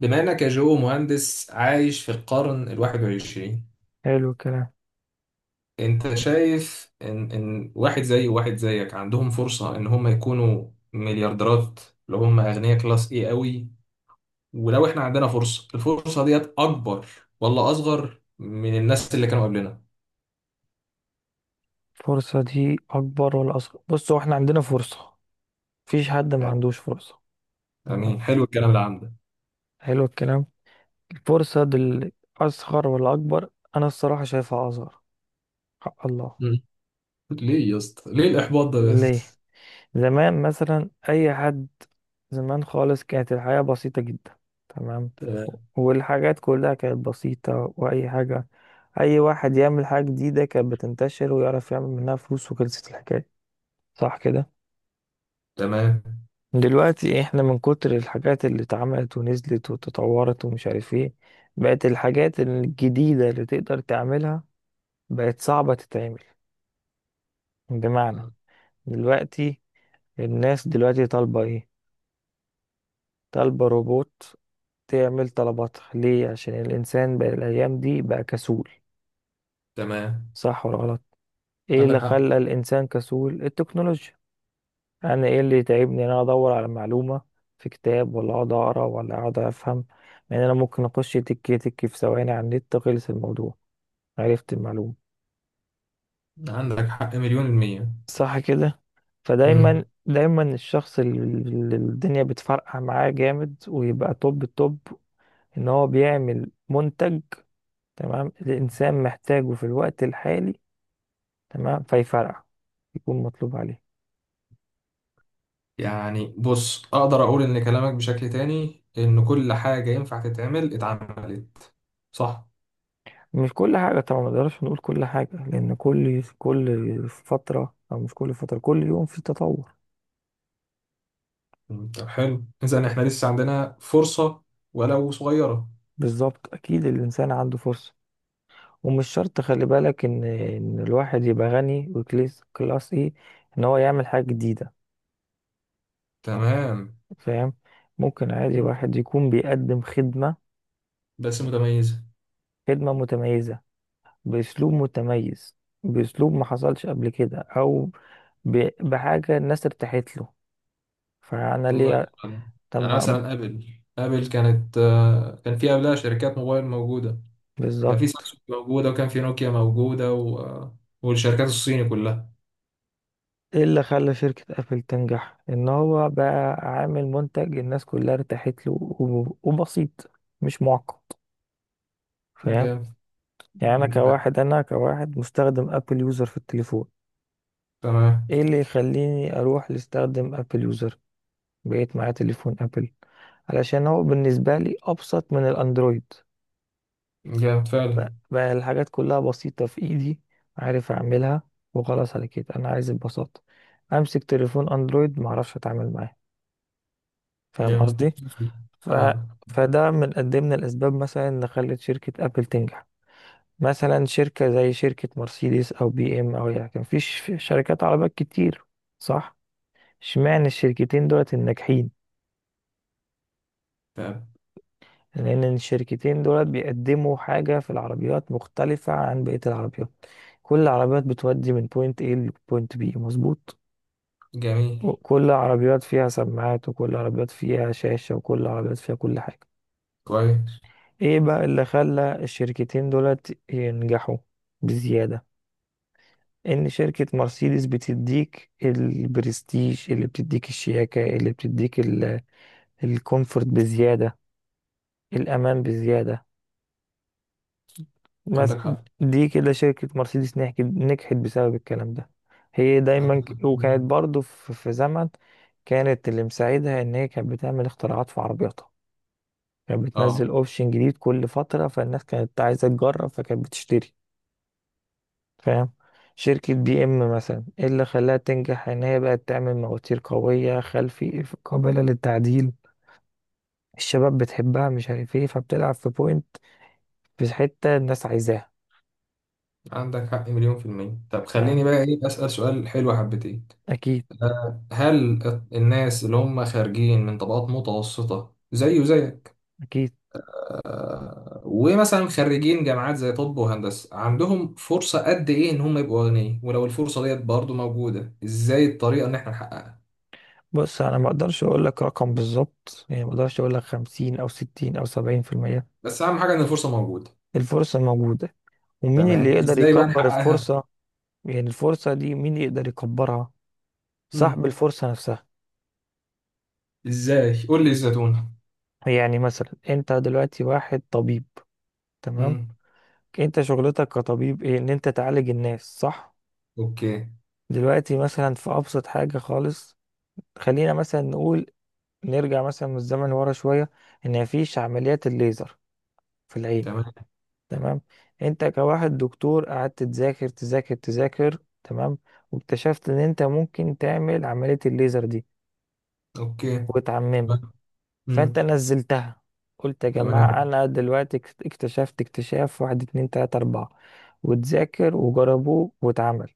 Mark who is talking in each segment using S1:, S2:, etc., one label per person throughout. S1: بما انك يا جو مهندس عايش في القرن الواحد والعشرين،
S2: حلو الكلام.
S1: انت شايف ان واحد زي وواحد زيك عندهم فرصة ان هم يكونوا مليارديرات لو هم اغنياء كلاس ايه قوي؟ ولو احنا عندنا فرصة، الفرصة ديت اكبر ولا اصغر من الناس اللي كانوا قبلنا؟
S2: الفرصة دي أكبر ولا أصغر؟ بص، هو احنا عندنا فرصة. مفيش حد ما عندوش فرصة. تمام.
S1: امين، حلو الكلام اللي عندك.
S2: حلو الكلام. الفرصة دي أصغر ولا أكبر؟ أنا الصراحة شايفها أصغر. حق الله.
S1: مم. ليه يا اسطى ليه الاحباط ده
S2: ليه؟
S1: بس؟
S2: زمان مثلا أي حد، زمان خالص كانت الحياة بسيطة جدا. تمام.
S1: تمام.
S2: والحاجات كلها كانت بسيطة، وأي حاجة، أي واحد يعمل حاجة جديدة كانت بتنتشر ويعرف يعمل منها فلوس، وخلصت الحكاية. صح كده.
S1: تمام.
S2: دلوقتي احنا من كتر الحاجات اللي اتعملت ونزلت وتطورت ومش عارف ايه، بقت الحاجات الجديدة اللي تقدر تعملها بقت صعبة تتعمل. بمعنى، دلوقتي، الناس دلوقتي طالبة ايه؟ طالبة روبوت تعمل طلباتها. ليه؟ عشان الانسان بقى الايام دي بقى كسول.
S1: تمام.
S2: صح ولا غلط؟ ايه
S1: عندك
S2: اللي
S1: حق.
S2: خلى الانسان كسول؟ التكنولوجيا. انا ايه اللي يتعبني؟ ان انا ادور على معلومه في كتاب، ولا اقعد اقرا، ولا اقعد افهم. يعني انا ممكن اخش تك تك في ثواني على النت، خلص الموضوع، عرفت المعلومه.
S1: عندك حق مليون المية.
S2: صح كده.
S1: مم.
S2: فدايما الشخص اللي الدنيا بتفرقع معاه جامد ويبقى توب التوب، ان هو بيعمل منتج، تمام، الانسان محتاجه في الوقت الحالي، تمام، فيفرقع، يكون مطلوب عليه.
S1: يعني بص، اقدر اقول ان كلامك بشكل تاني ان كل حاجة ينفع تتعمل اتعملت، صح؟
S2: مش كل حاجة طبعا، ما نقدرش نقول كل حاجة، لأن كل فترة، أو مش كل فترة، كل يوم في تطور.
S1: طب حلو، اذا احنا لسه عندنا فرصة ولو صغيرة.
S2: بالظبط، أكيد الإنسان عنده فرصة. ومش شرط، خلي بالك، إن الواحد يبقى غني وكلاس إيه، إن هو يعمل حاجة جديدة.
S1: تمام.
S2: فاهم. ممكن عادي
S1: مم.
S2: واحد يكون بيقدم خدمة،
S1: بس متميزة.
S2: خدمة متميزة، بأسلوب متميز، بأسلوب ما حصلش قبل كده، أو بحاجة الناس ارتاحت له. فأنا
S1: الله
S2: ليه؟
S1: يرحمه.
S2: طب
S1: يعني
S2: ما-
S1: مثلا ابل كانت، كان في قبلها شركات موبايل موجودة. كان في
S2: بالظبط.
S1: سامسونج موجودة وكان في نوكيا موجودة و... آه، والشركات الصيني كلها.
S2: ايه اللي خلى شركة ابل تنجح؟ ان هو بقى عامل منتج الناس كلها ارتاحت له، وبسيط، مش معقد. فاهم.
S1: جامد.
S2: يعني انا
S1: ده.
S2: كواحد انا كواحد مستخدم ابل يوزر في التليفون.
S1: تمام.
S2: ايه اللي يخليني اروح لاستخدم ابل يوزر؟ بقيت معايا تليفون ابل علشان هو بالنسبة لي ابسط من الاندرويد.
S1: جامد فعلا.
S2: بقى الحاجات كلها بسيطة في ايدي، عارف اعملها، وخلاص. على كده انا عايز البساطة. امسك تليفون اندرويد معرفش اتعامل معاه. فاهم
S1: جامد.
S2: قصدي. ف...
S1: تمام.
S2: فده من قد إيه من الأسباب مثلا اللي خلت شركة أبل تنجح. مثلا شركة زي شركة مرسيدس أو بي إم، أو يعني كان في في شركات عربيات كتير، صح؟ اشمعنى الشركتين دولت الناجحين؟
S1: تمام.
S2: لأن الشركتين دولت بيقدموا حاجة في العربيات مختلفة عن بقية العربيات. كل العربيات بتودي من بوينت A لبوينت B، مظبوط؟
S1: جميل.
S2: وكل عربيات فيها سماعات، وكل عربيات فيها شاشة، وكل عربيات فيها كل حاجة.
S1: كويس.
S2: ايه بقى اللي خلى الشركتين دولت ينجحوا بزيادة؟ ان شركة مرسيدس بتديك البرستيج، اللي بتديك الشياكة، اللي بتديك الكومفورت بزيادة، الامان بزيادة، مس-
S1: عندك حق.
S2: دي كده شركة مرسيدس نحكت نجحت بسبب الكلام ده. هي
S1: عندك
S2: دايما
S1: حق.
S2: وكانت برضو في زمن، كانت اللي مساعدها ان هي كانت بتعمل اختراعات في عربياتها. كانت بتنزل
S1: اه.
S2: اوبشن جديد كل فترة، فالناس كانت عايزة تجرب، فكانت بتشتري. فاهم. شركة بي ام مثلا، ايه اللي خلاها تنجح؟ ان هي بقت تعمل مواتير قوية خلفي قابلة للتعديل، الشباب بتحبها، مش عارف ايه، فبتلعب في بوينت، في حتة الناس عايزاها.
S1: عندك حق مليون في المية. طب خليني
S2: فاهم.
S1: بقى ايه اسأل سؤال حلو حبتين.
S2: اكيد.
S1: هل الناس اللي هم خارجين من طبقات متوسطة زي وزيك،
S2: اكيد.
S1: ومثلا خريجين جامعات زي طب وهندسة، عندهم فرصة قد ايه ان هم يبقوا اغنياء؟ ولو الفرصة ديت برضو موجودة، ازاي الطريقة ان احنا نحققها؟
S2: بص، انا ما اقدرش اقول لك رقم بالظبط. يعني ما اقدرش اقول لك 50 او 60 او 70%.
S1: بس اهم حاجة ان الفرصة موجودة.
S2: الفرصة موجودة. ومين اللي
S1: تمام،
S2: يقدر
S1: ازاي بقى
S2: يكبر
S1: نحققها؟
S2: الفرصة؟ يعني الفرصة دي مين يقدر يكبرها؟
S1: مم.
S2: صاحب الفرصة نفسها.
S1: ازاي؟ قول لي الزتونة.
S2: يعني مثلا انت دلوقتي واحد طبيب، تمام.
S1: مم.
S2: انت شغلتك كطبيب ايه؟ ان انت تعالج الناس، صح.
S1: اوكي.
S2: دلوقتي مثلا، في ابسط حاجة خالص، خلينا مثلا نقول، نرجع مثلا من الزمن ورا شوية ان مفيش عمليات الليزر في العين،
S1: تمام.
S2: تمام. انت كواحد دكتور قعدت تذاكر تذاكر تذاكر، تمام، واكتشفت ان انت ممكن تعمل عملية الليزر دي
S1: اوكي.
S2: وتعممها. فانت
S1: امم
S2: نزلتها، قلت يا
S1: تمام.
S2: جماعة انا دلوقتي اكتشفت اكتشاف، واحد اتنين تلاتة اربعة، وتذاكر وجربوه واتعمل.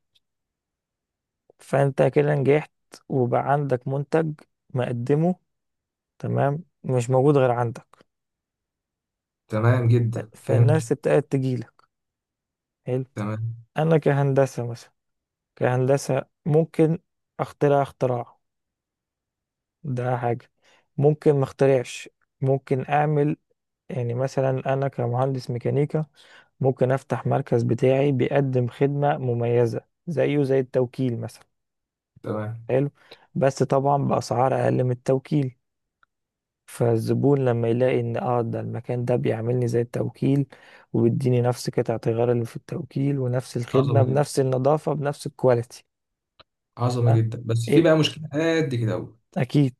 S2: فانت كده نجحت، وبقى عندك منتج مقدمه، تمام، مش موجود غير عندك.
S1: تمام جدا، فهمت.
S2: فالناس ابتدت تجيلك. حلو.
S1: تمام.
S2: انا كهندسة مثلا، كهندسة، ممكن اخترع اختراع، ده حاجة. ممكن ما اخترعش، ممكن اعمل. يعني مثلا انا كمهندس ميكانيكا، ممكن افتح مركز بتاعي بيقدم خدمة مميزة، زيه زي التوكيل مثلا.
S1: تمام.
S2: حلو. بس طبعا بأسعار اقل من التوكيل. فالزبون لما يلاقي ان اه ده المكان ده بيعملني زي التوكيل وبيديني نفس قطعة الغيار اللي في التوكيل، ونفس الخدمة،
S1: عظمه جدا.
S2: بنفس النظافة، بنفس الكواليتي.
S1: عظمه
S2: تمام؟
S1: جدا، بس في
S2: إيه؟
S1: بقى مشكله قد كده أوي.
S2: اكيد.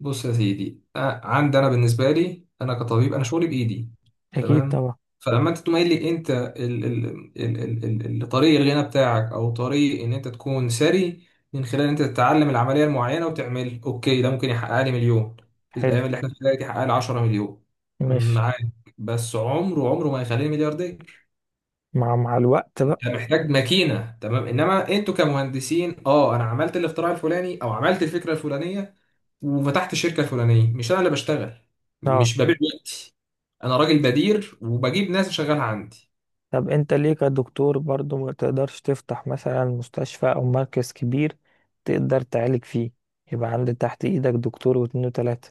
S1: بص يا سيدي، عندي انا، بالنسبه لي، انا كطبيب انا شغلي بايدي.
S2: اكيد
S1: تمام.
S2: طبعا.
S1: فلما انت تقوم قايل لي انت ال طريق الغنى بتاعك او طريق ان انت تكون ثري من خلال ان انت تتعلم العمليه المعينه وتعمل اوكي، ده ممكن يحقق لي مليون. في
S2: حلو.
S1: الايام اللي احنا فيها دي يحقق لي 10 مليون.
S2: ماشي.
S1: معاك. بس عمره ما يخليني ملياردير.
S2: مع الوقت بقى.
S1: انت محتاج ماكينه. تمام. انما انتوا كمهندسين اه، انا عملت الاختراع الفلاني او عملت الفكره الفلانيه وفتحت الشركه الفلانيه. مش انا اللي بشتغل.
S2: اه.
S1: مش ببيع وقتي. انا راجل بدير وبجيب ناس شغالة عندي.
S2: طب انت ليه كدكتور برضو ما تقدرش تفتح مثلا مستشفى او مركز كبير تقدر تعالج فيه، يبقى عند تحت ايدك دكتور واتنين وتلاتة؟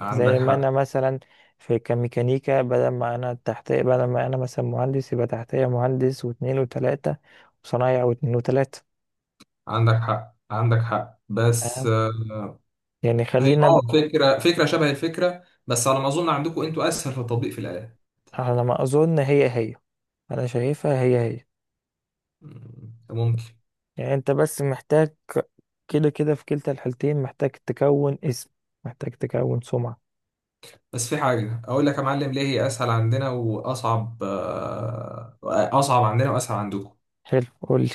S1: عندك
S2: زي ما انا
S1: حق.
S2: مثلا في كميكانيكا، بدل ما انا تحتيه، بدل ما انا مثلا مهندس، يبقى تحتيه مهندس واتنين وتلاتة، وصنايع واتنين وتلاتة.
S1: عندك حق. عندك حق. بس
S2: تمام. يعني
S1: هي
S2: خلينا
S1: اه، فكره شبه الفكره، بس على ما اظن عندكم انتوا اسهل في التطبيق في الاله.
S2: على ما اظن هي هي. انا شايفها هي هي.
S1: ممكن.
S2: يعني انت بس محتاج، كده كده في كلتا الحالتين محتاج تكون اسم، محتاج تكون سمعة.
S1: بس في حاجه اقول لك يا معلم، ليه هي اسهل عندنا واصعب، اصعب عندنا واسهل عندكم.
S2: حلو، قولي.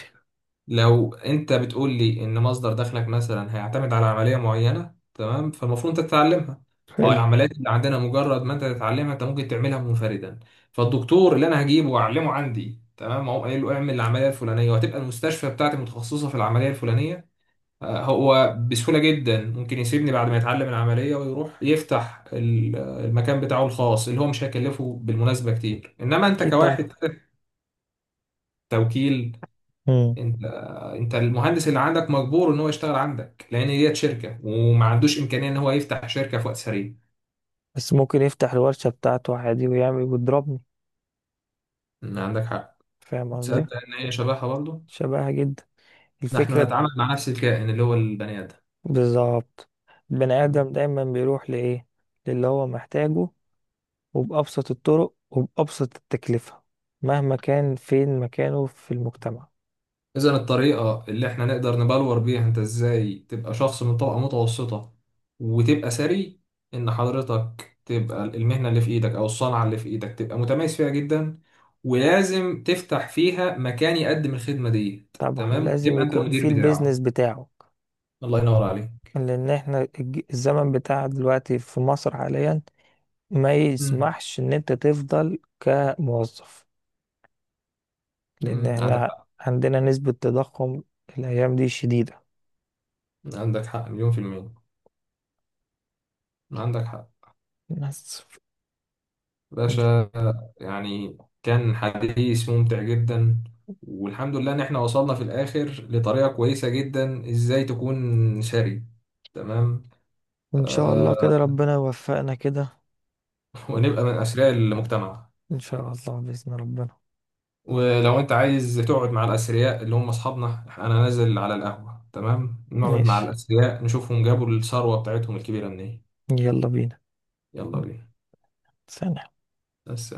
S1: لو انت بتقول لي ان مصدر دخلك مثلا هيعتمد على عمليه معينه، تمام، فالمفروض انت تتعلمها. او
S2: حلو.
S1: العمليات اللي عندنا مجرد ما انت تتعلمها انت ممكن تعملها منفردا. فالدكتور اللي انا هجيبه واعلمه عندي، تمام، اقوم قايل له اعمل العمليه الفلانيه وهتبقى المستشفى بتاعتي متخصصه في العمليه الفلانيه، هو بسهوله جدا ممكن يسيبني بعد ما يتعلم العمليه ويروح يفتح المكان بتاعه الخاص اللي هو مش هيكلفه بالمناسبه كتير. انما انت
S2: اكيد طبعا.
S1: كواحد خدت توكيل.
S2: مم.
S1: انت، انت المهندس اللي عندك مجبور ان هو يشتغل عندك لان هي شركه وما عندوش امكانيه ان هو يفتح شركه في وقت سريع.
S2: بس ممكن يفتح الورشة بتاعته عادي ويعمل ويضربني.
S1: ان عندك حق.
S2: فاهم قصدي.
S1: تصدق ان هي شبهها برضه.
S2: شبهها جدا.
S1: نحن
S2: الفكرة.
S1: نتعامل مع نفس الكائن اللي هو البني ادم.
S2: بالظبط. البني آدم دايما بيروح لإيه؟ للي هو محتاجه، وبأبسط الطرق، وبأبسط التكلفة، مهما كان فين مكانه في المجتمع.
S1: اذا الطريقه اللي احنا نقدر نبلور بيها انت ازاي تبقى شخص من طبقه متوسطه وتبقى ثري، ان حضرتك تبقى المهنه اللي في ايدك او الصنعه اللي في ايدك تبقى متميز فيها جدا، ولازم تفتح فيها مكان يقدم الخدمه دي.
S2: طبعا
S1: تمام،
S2: لازم
S1: وتبقى انت
S2: يكون
S1: المدير
S2: في البيزنس
S1: بتاعه.
S2: بتاعه.
S1: الله ينور عليك.
S2: لأن احنا الزمن بتاع دلوقتي في مصر حاليا ما
S1: مم.
S2: يسمحش إن أنت تفضل كموظف. لأن
S1: مم. عندك
S2: احنا
S1: حق.
S2: عندنا نسبة تضخم الأيام دي شديدة.
S1: عندك حق مليون في المية. عندك حق.
S2: بس. وإن
S1: باشا، يعني كان حديث ممتع جدا. والحمد لله ان احنا وصلنا في الاخر لطريقة كويسة جدا ازاي تكون ثري. تمام.
S2: وإن شاء الله كده
S1: آه.
S2: ربنا يوفقنا كده.
S1: ونبقى من اثرياء المجتمع.
S2: إن شاء الله بإذن ربنا.
S1: ولو انت عايز تقعد مع الاثرياء اللي هم اصحابنا، انا نازل على القهوة، تمام، نقعد مع
S2: ماشي.
S1: الاثرياء نشوفهم جابوا الثروة بتاعتهم الكبيرة منين.
S2: يلا بينا.
S1: يلا بينا.
S2: ثانية.
S1: بس.